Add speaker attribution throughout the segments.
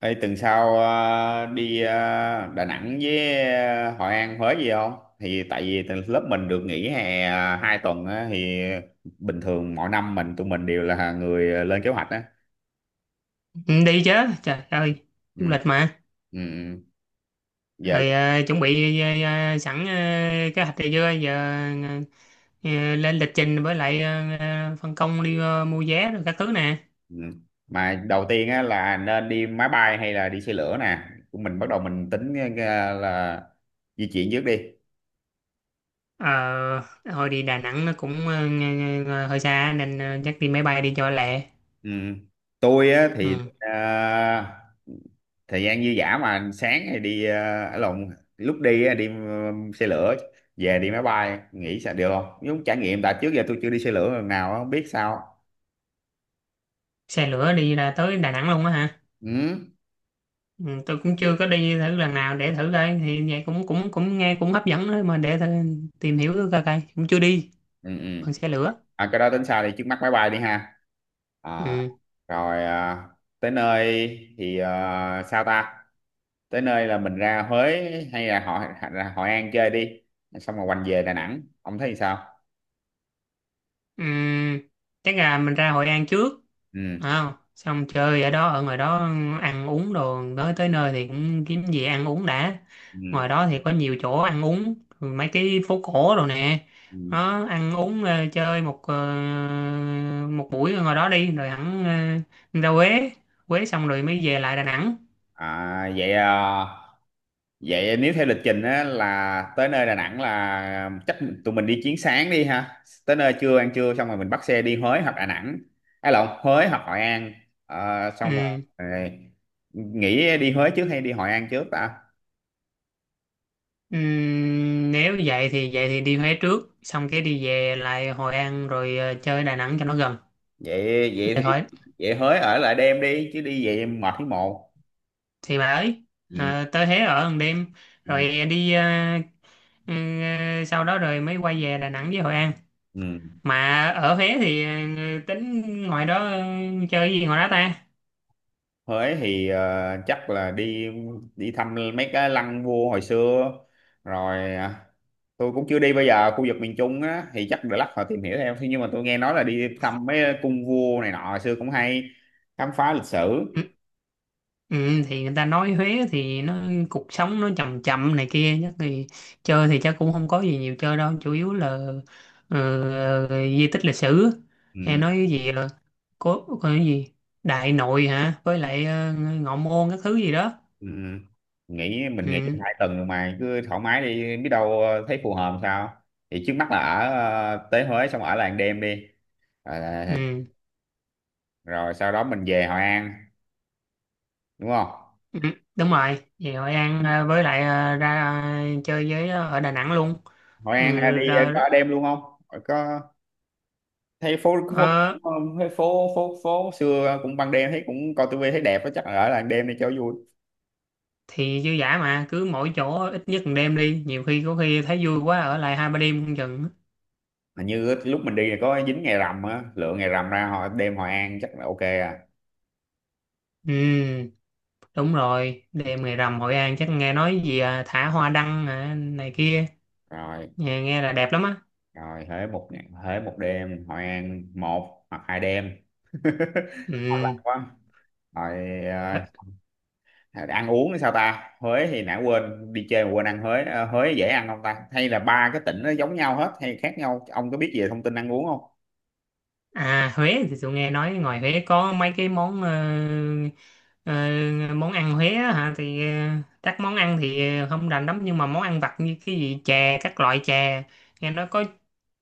Speaker 1: Ê, tuần sau đi Đà Nẵng với Hội An, Huế gì không? Thì tại vì từ lớp mình được nghỉ hè 2 tuần á, thì bình thường mỗi năm tụi mình đều là người lên kế hoạch á.
Speaker 2: Ừ, đi chứ trời ơi du
Speaker 1: Ừ,
Speaker 2: lịch mà.
Speaker 1: ừ, ừ. Giờ
Speaker 2: Rồi chuẩn bị, sẵn kế hoạch này chưa giờ ờ, lên lịch trình, với lại phân công đi mua vé rồi các thứ nè.
Speaker 1: ừ. Mà đầu tiên á là nên đi máy bay hay là đi xe lửa nè. Mình bắt đầu mình tính là di chuyển trước đi.
Speaker 2: ờ Hồi đi Đà Nẵng nó cũng hơi xa nên chắc đi máy bay đi cho lẹ.
Speaker 1: Ừ. Tôi á thì
Speaker 2: Ừ.
Speaker 1: thời gian dư dả mà sáng thì đi lộn, lúc đi á, đi xe lửa, về đi máy bay, nghĩ sao được không, giống trải nghiệm, tại trước giờ tôi chưa đi xe lửa lần nào á, không biết sao.
Speaker 2: Xe lửa đi ra tới Đà Nẵng luôn á hả?
Speaker 1: Ừ,
Speaker 2: Ừ, tôi cũng chưa có đi thử lần nào, để thử coi thì vậy cũng cũng cũng nghe cũng hấp dẫn đó, mà để thử, tìm hiểu coi coi cũng chưa đi
Speaker 1: ừ, ừ.
Speaker 2: bằng xe lửa.
Speaker 1: À, cái đó tính sao thì trước mắt máy bay đi ha. À,
Speaker 2: Ừ.
Speaker 1: rồi à, tới nơi thì à, sao ta, tới nơi là mình ra Huế hay là ra Hội An chơi đi, xong rồi quanh về Đà Nẵng, ông thấy sao?
Speaker 2: Ừm, chắc là mình ra Hội An trước.
Speaker 1: Ừ,
Speaker 2: À, xong chơi ở đó, ở ngoài đó, ăn uống đồ. Tới tới nơi thì cũng kiếm gì ăn uống đã.
Speaker 1: ừ,
Speaker 2: Ngoài đó thì có nhiều chỗ ăn uống, mấy cái phố cổ rồi nè.
Speaker 1: ừ.
Speaker 2: Đó, ăn uống, chơi một, một buổi ở ngoài đó đi rồi hẳn ra Huế. Huế xong rồi mới về lại Đà Nẵng.
Speaker 1: À, vậy à, vậy nếu theo lịch trình á, là tới nơi Đà Nẵng là chắc tụi mình đi chuyến sáng đi ha. Tới nơi trưa ăn trưa xong rồi mình bắt xe đi Huế hoặc Đà Nẵng. Hay lộn, Huế hoặc Hội An. Ờ, xong rồi
Speaker 2: Ừ.
Speaker 1: ờ, nghĩ đi Huế trước hay đi Hội An trước ta?
Speaker 2: Ừ, nếu vậy thì đi Huế trước, xong cái đi về lại Hội An, rồi chơi Đà Nẵng cho nó gần,
Speaker 1: Vậy vậy
Speaker 2: để
Speaker 1: thì
Speaker 2: khỏi.
Speaker 1: vậy Huế ở lại đêm đi chứ đi vậy mệt thấy mồ.
Speaker 2: Thì bà ấy,
Speaker 1: Ừ.
Speaker 2: à, tới Huế ở một đêm
Speaker 1: Ừ.
Speaker 2: rồi đi, à, ừ, sau đó rồi mới quay về Đà Nẵng với Hội An.
Speaker 1: Ừ.
Speaker 2: Mà ở Huế thì, ừ, tính ngoài đó, ừ, chơi gì ngoài đó ta?
Speaker 1: Huế thì chắc là đi đi thăm mấy cái lăng vua hồi xưa, rồi à, tôi cũng chưa đi, bây giờ khu vực miền Trung á thì chắc để lát họ tìm hiểu theo. Thế nhưng mà tôi nghe nói là đi thăm mấy cung vua này nọ hồi xưa cũng hay, khám phá lịch sử.
Speaker 2: Ừ, ừ, thì người ta nói Huế thì nó cuộc sống nó chậm chậm này kia, chắc thì chơi thì chắc cũng không có gì nhiều chơi đâu, chủ yếu là, ừ, di tích lịch sử hay
Speaker 1: Ừ,
Speaker 2: nói cái gì, có cái gì Đại Nội hả, với lại Ngọ Môn các thứ gì đó.
Speaker 1: ừ. Ừ. Nghĩ mình nghĩ
Speaker 2: Ừ.
Speaker 1: 2 tuần rồi mà cứ thoải mái đi biết đâu thấy phù hợp sao. Thì trước mắt là ở tới Huế xong ở làng đêm đi. Ờ,
Speaker 2: Ừ.
Speaker 1: rồi sau đó mình về Hội An đúng không?
Speaker 2: Ừ, đúng rồi, thì Hội An với lại ra chơi với ở Đà Nẵng luôn.
Speaker 1: Hội
Speaker 2: Ừ,
Speaker 1: An đi
Speaker 2: ra,
Speaker 1: có ở đêm luôn không? Ờ, có, thấy phố phố
Speaker 2: ờ,
Speaker 1: cũng, ờ, thấy phố phố phố xưa cũng, ban đêm thấy cũng coi tivi thấy đẹp á, chắc là ở làng đêm đi cho vui.
Speaker 2: thì dư dả mà, cứ mỗi chỗ ít nhất một đêm đi, nhiều khi có khi thấy vui quá ở lại hai ba đêm không chừng.
Speaker 1: Hình như lúc mình đi là có dính ngày rằm á, lựa ngày rằm ra họ đêm Hội An chắc là ok à.
Speaker 2: Ừ, đúng rồi, đêm ngày rằm Hội An chắc nghe nói gì, à, thả hoa đăng, à, này kia.
Speaker 1: Rồi,
Speaker 2: Nghe, nghe là đẹp lắm á.
Speaker 1: rồi Huế một ngày, Huế một đêm, Hội An 1 hoặc 2 đêm. Ngon lành
Speaker 2: Ừ.
Speaker 1: quá. Rồi ăn uống thì sao ta? Huế thì nãy quên đi chơi mà quên ăn Huế. Ờ, Huế dễ ăn không ta, hay là ba cái tỉnh nó giống nhau hết hay khác nhau, ông có biết về thông tin ăn uống không?
Speaker 2: À, Huế thì tôi nghe nói ngoài Huế có mấy cái món ờ, món ăn Huế á hả, thì các món ăn thì không rành lắm, nhưng mà món ăn vặt như cái gì chè, các loại chè, nghe nói có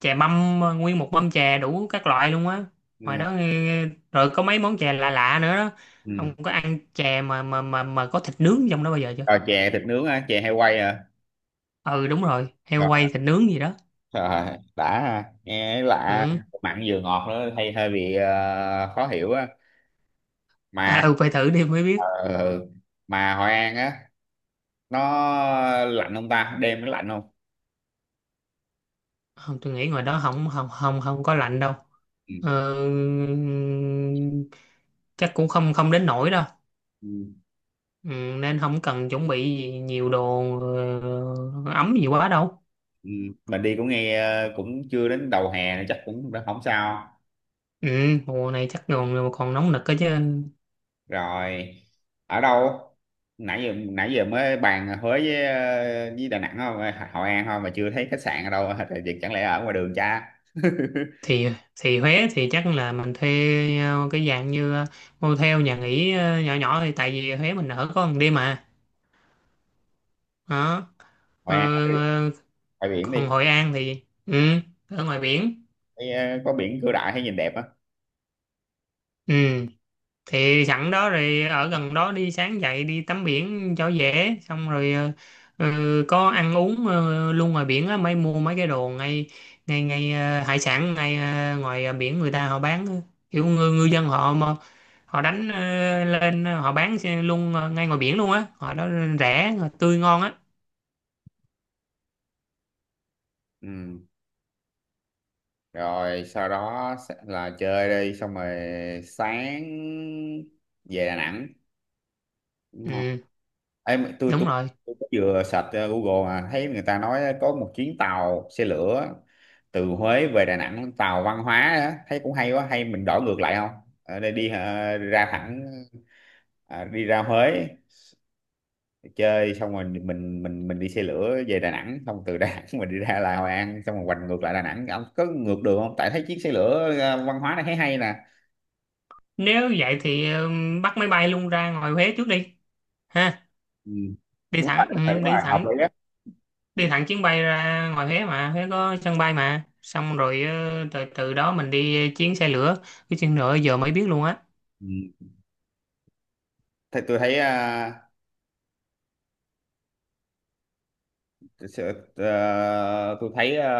Speaker 2: chè mâm, nguyên một mâm chè đủ các loại luôn á, ngoài
Speaker 1: Ừ.
Speaker 2: đó. Ờ, Rồi có mấy món chè lạ lạ nữa đó.
Speaker 1: Ừ.
Speaker 2: Ông có ăn chè mà có thịt nướng trong đó bao giờ chưa?
Speaker 1: Rồi chè thịt nướng á, chè hay quay à?
Speaker 2: Ừ, đúng rồi, heo quay thịt nướng gì đó.
Speaker 1: Rồi, đã ha. Nghe lạ,
Speaker 2: Ừ.
Speaker 1: mặn vừa ngọt nữa hay hơi bị khó hiểu á.
Speaker 2: À,
Speaker 1: Mà
Speaker 2: ừ, phải thử đi mới biết.
Speaker 1: ờ, mà Hội An á, nó lạnh không ta, đêm nó lạnh không?
Speaker 2: Không, tôi nghĩ ngoài đó không không không không có lạnh đâu.
Speaker 1: Ừ.
Speaker 2: Ờ, chắc cũng không không đến nổi đâu.
Speaker 1: Ừ.
Speaker 2: Ừ, nên không cần chuẩn bị gì nhiều đồ ờ, ấm gì quá đâu.
Speaker 1: Ừ. Mình đi cũng nghe cũng chưa đến đầu hè nữa, chắc cũng đã không sao.
Speaker 2: Ừ, mùa này chắc còn còn nóng nực cơ chứ.
Speaker 1: Rồi ở đâu, nãy giờ mới bàn Huế với với Đà Nẵng không, Hội An không mà chưa thấy khách sạn ở đâu, thì chẳng lẽ ở ngoài đường cha.
Speaker 2: thì thì Huế thì chắc là mình thuê cái dạng như, motel nhà nghỉ nhỏ nhỏ, thì tại vì Huế mình ở có một đêm mà. Đó.
Speaker 1: Hội
Speaker 2: Ờ.
Speaker 1: An
Speaker 2: Ờ.
Speaker 1: ngoài biển đi.
Speaker 2: Còn Hội An thì, ừ, ở ngoài biển.
Speaker 1: Thấy, ờ, có biển Cửa Đại thấy nhìn đẹp á.
Speaker 2: Ừ, thì sẵn đó rồi ở gần đó đi, sáng dậy đi tắm biển cho dễ, xong rồi có ăn uống luôn ngoài biển á, mới mua mấy cái đồ ngay ngay ngay hải sản, ngay ngoài biển người ta họ bán á. Kiểu ngư dân họ mà, họ đánh lên họ bán xe luôn ngay ngoài biển luôn á họ đó, rẻ, tươi, ngon á.
Speaker 1: Ừ. Rồi sau đó sẽ là chơi đi, xong rồi sáng về Đà Nẵng đúng không?
Speaker 2: Ừ,
Speaker 1: Em tôi
Speaker 2: đúng
Speaker 1: tôi
Speaker 2: rồi,
Speaker 1: tôi có vừa search Google mà thấy người ta nói có một chuyến tàu xe lửa từ Huế về Đà Nẵng, tàu văn hóa đó. Thấy cũng hay quá, hay mình đổi ngược lại không? Ở đây đi ra thẳng ờ, đi ra Huế chơi, xong rồi mình đi xe lửa về Đà Nẵng, xong từ Đà Nẵng mình đi ra là Hội An, xong rồi hoành ngược lại Đà Nẵng, ông có ngược đường không, tại thấy chiếc xe lửa à, văn hóa này thấy hay nè.
Speaker 2: nếu vậy thì bắt máy bay luôn ra ngoài Huế trước đi, ha.
Speaker 1: Ừ. Đúng rồi, đúng rồi, đúng rồi,
Speaker 2: Đi
Speaker 1: hợp
Speaker 2: thẳng.
Speaker 1: lý á.
Speaker 2: Đi thẳng chuyến bay ra ngoài Huế mà, Huế có sân bay mà, xong rồi từ từ đó mình đi chuyến xe lửa. Cái chuyến lửa giờ mới biết luôn á.
Speaker 1: Ừ. Thì tôi thấy à, tôi thấy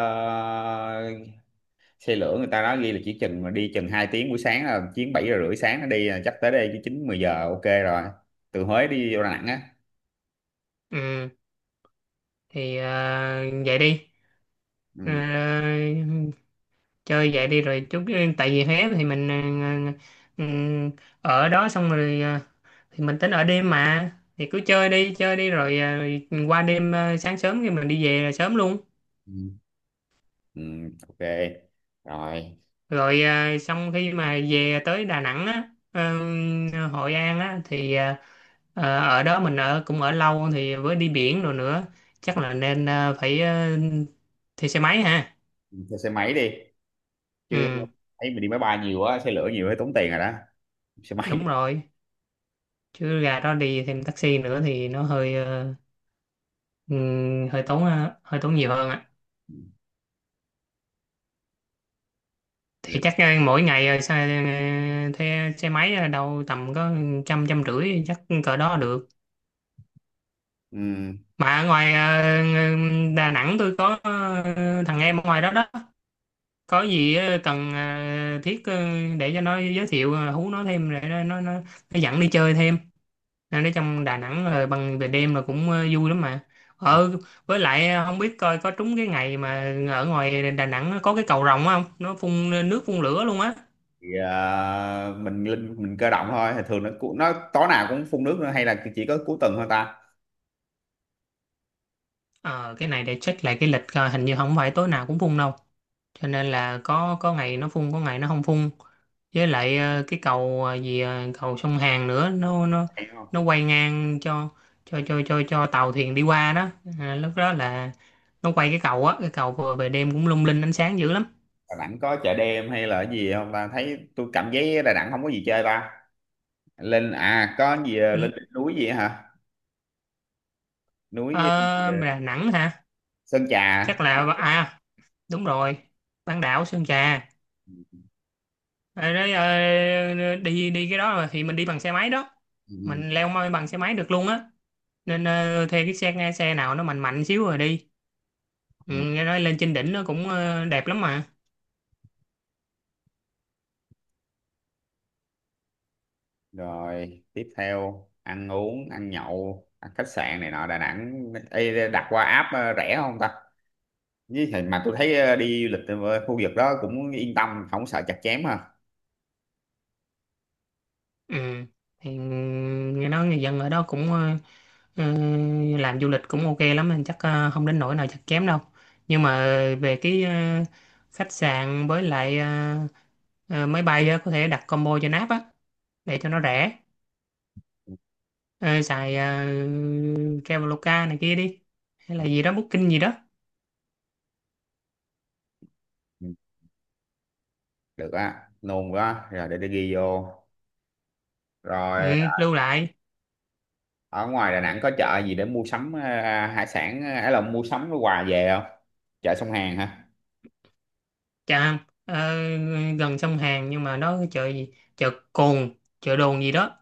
Speaker 1: xe lửa người ta nói ghi là chỉ chừng mà đi chừng 2 tiếng, buổi sáng là chuyến 7 giờ rưỡi sáng nó đi là chắc tới đây chứ 9 10 giờ ok rồi, từ Huế đi vô Đà Nẵng á.
Speaker 2: Ừ, thì vậy đi.
Speaker 1: Ừ.
Speaker 2: Ờ, chơi vậy đi rồi chút, tại vì Huế thì mình ờ, ừm, ở đó xong rồi thì mình tính ở đêm mà, thì cứ chơi đi rồi qua đêm, sáng sớm thì mình đi về là sớm luôn.
Speaker 1: Ừ. Ừ. Ok rồi,
Speaker 2: Rồi, à, xong khi mà về tới Đà Nẵng á, Hội An á thì, à, ở đó mình ở cũng ở lâu, thì với đi biển rồi nữa, chắc là nên, à, phải, thuê xe máy ha.
Speaker 1: thuê xe máy đi chứ,
Speaker 2: Ừ,
Speaker 1: thấy mình đi máy bay nhiều quá, xe lửa nhiều thấy tốn tiền rồi đó, xe
Speaker 2: đúng
Speaker 1: máy.
Speaker 2: rồi, chứ gà đó đi thêm taxi nữa thì nó hơi ừ, hơi tốn, hơi tốn nhiều hơn ạ. Thì chắc mỗi ngày, thuê xe máy là đâu tầm có trăm trăm rưỡi, chắc cỡ đó được.
Speaker 1: Ừ.
Speaker 2: Mà ở ngoài Đà Nẵng tôi có thằng em ở ngoài đó đó. Có gì cần, thiết, để cho nó giới thiệu, hú nó thêm để nó dẫn đi chơi thêm. Nên ở trong Đà Nẵng rồi bằng về đêm là cũng vui lắm mà. Ờ, với lại không biết coi có trúng cái ngày mà ở ngoài Đà Nẵng nó có cái cầu rồng không? Nó phun nước phun lửa luôn á.
Speaker 1: Thì à, mình linh mình cơ động thôi, thì thường nó nó tối nào cũng phun nước nữa hay là chỉ có cuối tuần thôi ta,
Speaker 2: Ờ, cái này để check lại cái lịch coi, hình như không phải tối nào cũng phun đâu. Cho nên là có ngày nó phun, có ngày nó không phun. Với lại cái cầu, cầu sông Hàn nữa, nó nó
Speaker 1: hay không?
Speaker 2: nó quay ngang cho cho tàu thuyền đi qua đó. À, lúc đó là nó quay cái cầu á, cái cầu vừa về đêm cũng lung linh ánh sáng dữ lắm.
Speaker 1: Đà Nẵng có chợ đêm hay là cái gì không ta, thấy tôi cảm giác Đà Nẵng không có gì chơi ta, lên à có gì à,
Speaker 2: Ừ.
Speaker 1: lên đỉnh núi gì hả, núi
Speaker 2: Ờ,
Speaker 1: gì, à,
Speaker 2: Đà Nẵng hả?
Speaker 1: Sơn Trà.
Speaker 2: Chắc là, à, đúng rồi, bán đảo Sơn Trà.
Speaker 1: Ừ.
Speaker 2: Ờ, đấy, đi đi cái đó mà thì mình đi bằng xe máy đó,
Speaker 1: Ừ.
Speaker 2: mình leo mây bằng xe máy được luôn á. Nên thuê cái xe xe nào nó mạnh mạnh xíu rồi đi.
Speaker 1: Ừ.
Speaker 2: Ừ, nghe nói lên trên đỉnh nó cũng đẹp lắm mà.
Speaker 1: Rồi tiếp theo ăn uống, ăn nhậu, ăn khách sạn này nọ Đà Nẵng. Ê, đặt qua app rẻ không ta, với thì mà tôi thấy đi du lịch ở khu vực đó cũng yên tâm, không sợ chặt chém ha.
Speaker 2: Ừ. Thì, ừ, nghe nói người dân ở đó cũng ờ, làm du lịch cũng ok lắm, nên chắc không đến nỗi nào chắc kém đâu. Nhưng mà về cái khách sạn, với lại máy bay á, có thể đặt combo cho náp á để cho nó rẻ.
Speaker 1: Ừ,
Speaker 2: Ờ, xài Traveloka này kia đi, hay
Speaker 1: ừ,
Speaker 2: là gì đó Booking gì đó.
Speaker 1: ừ. Được á, nôn quá, rồi để tôi ghi vô.
Speaker 2: Ừ,
Speaker 1: Rồi
Speaker 2: lưu lại.
Speaker 1: ở ngoài Đà Nẵng có chợ gì để mua sắm hải sản hay là mua sắm cái quà về không, chợ sông Hàn hả?
Speaker 2: Chà, gần sông Hàn nhưng mà nó cái chợ gì? Chợ Cồn, chợ Đồn gì đó.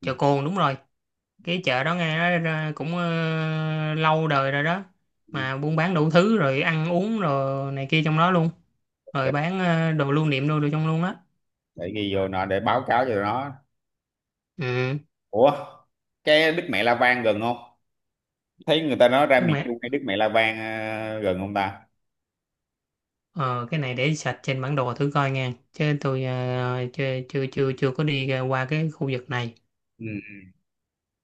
Speaker 1: Ừ,
Speaker 2: Chợ Cồn đúng rồi. Cái chợ đó nghe nói ra cũng lâu đời rồi đó.
Speaker 1: ừ.
Speaker 2: Mà buôn bán đủ thứ rồi ăn uống rồi này kia trong đó luôn. Rồi
Speaker 1: Ok,
Speaker 2: bán đồ lưu niệm đồ, đồ trong luôn á.
Speaker 1: để ghi vô nó để báo cáo cho nó.
Speaker 2: Ừ,
Speaker 1: Ủa, cái Đức Mẹ La Vang gần không, thấy người ta nói ra
Speaker 2: trước
Speaker 1: miền
Speaker 2: mẹ.
Speaker 1: Trung cái Đức Mẹ La Vang gần không ta?
Speaker 2: Ờ, cái này để sạch trên bản đồ thử coi nha. Chứ tôi ờ, chưa chưa chưa chưa có đi ra qua cái khu vực này.
Speaker 1: Ừ.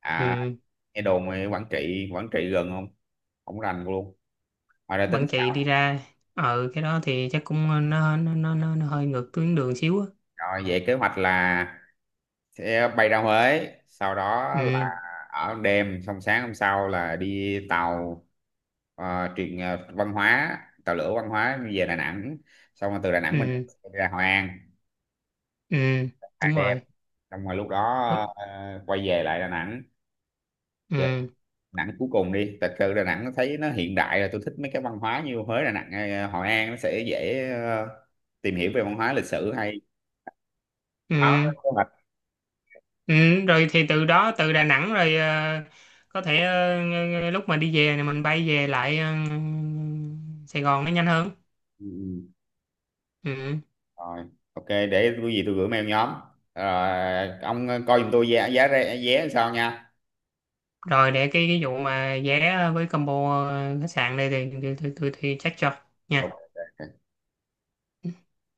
Speaker 1: À,
Speaker 2: Ừ.
Speaker 1: nghe đồn ở Quảng Trị, Quảng Trị gần không, không rành luôn. Ngoài ra tính
Speaker 2: Quảng
Speaker 1: sao?
Speaker 2: Trị đi ra, ừ, cái đó thì chắc cũng nó hơi ngược tuyến đường xíu á.
Speaker 1: Rồi vậy kế hoạch là sẽ bay ra Huế, sau đó là
Speaker 2: Ừ.
Speaker 1: ở đêm, xong sáng hôm sau là đi tàu văn hóa, tàu lửa văn hóa về Đà Nẵng, xong rồi từ Đà Nẵng mình
Speaker 2: Ừ.
Speaker 1: sẽ đi ra Hội An
Speaker 2: Ừ,
Speaker 1: hai
Speaker 2: đúng
Speaker 1: đêm,
Speaker 2: rồi.
Speaker 1: xong rồi lúc đó
Speaker 2: Đúng.
Speaker 1: ờ, quay về lại Đà Nẵng, chờ Đà
Speaker 2: Ừ.
Speaker 1: Nẵng cuối cùng đi, thật sự Đà Nẵng nó thấy nó hiện đại rồi, tôi thích mấy cái văn hóa như Huế, Đà Nẵng, ờ, Hội An nó sẽ dễ tìm hiểu về văn hóa lịch sử hay.
Speaker 2: Ừ.
Speaker 1: Đó, kế hoạch.
Speaker 2: Ừ, rồi thì từ đó, từ Đà Nẵng rồi có thể, lúc mà đi về thì mình bay về lại Sài Gòn nó nhanh hơn.
Speaker 1: Ừ.
Speaker 2: Ừ.
Speaker 1: Rồi, ok để cái gì tôi gửi mail nhóm. Rồi ông coi giùm tôi giá giá vé vé sao nha.
Speaker 2: Rồi để cái vụ mà vé với combo, khách sạn đây thì tôi check cho nha.
Speaker 1: Ok.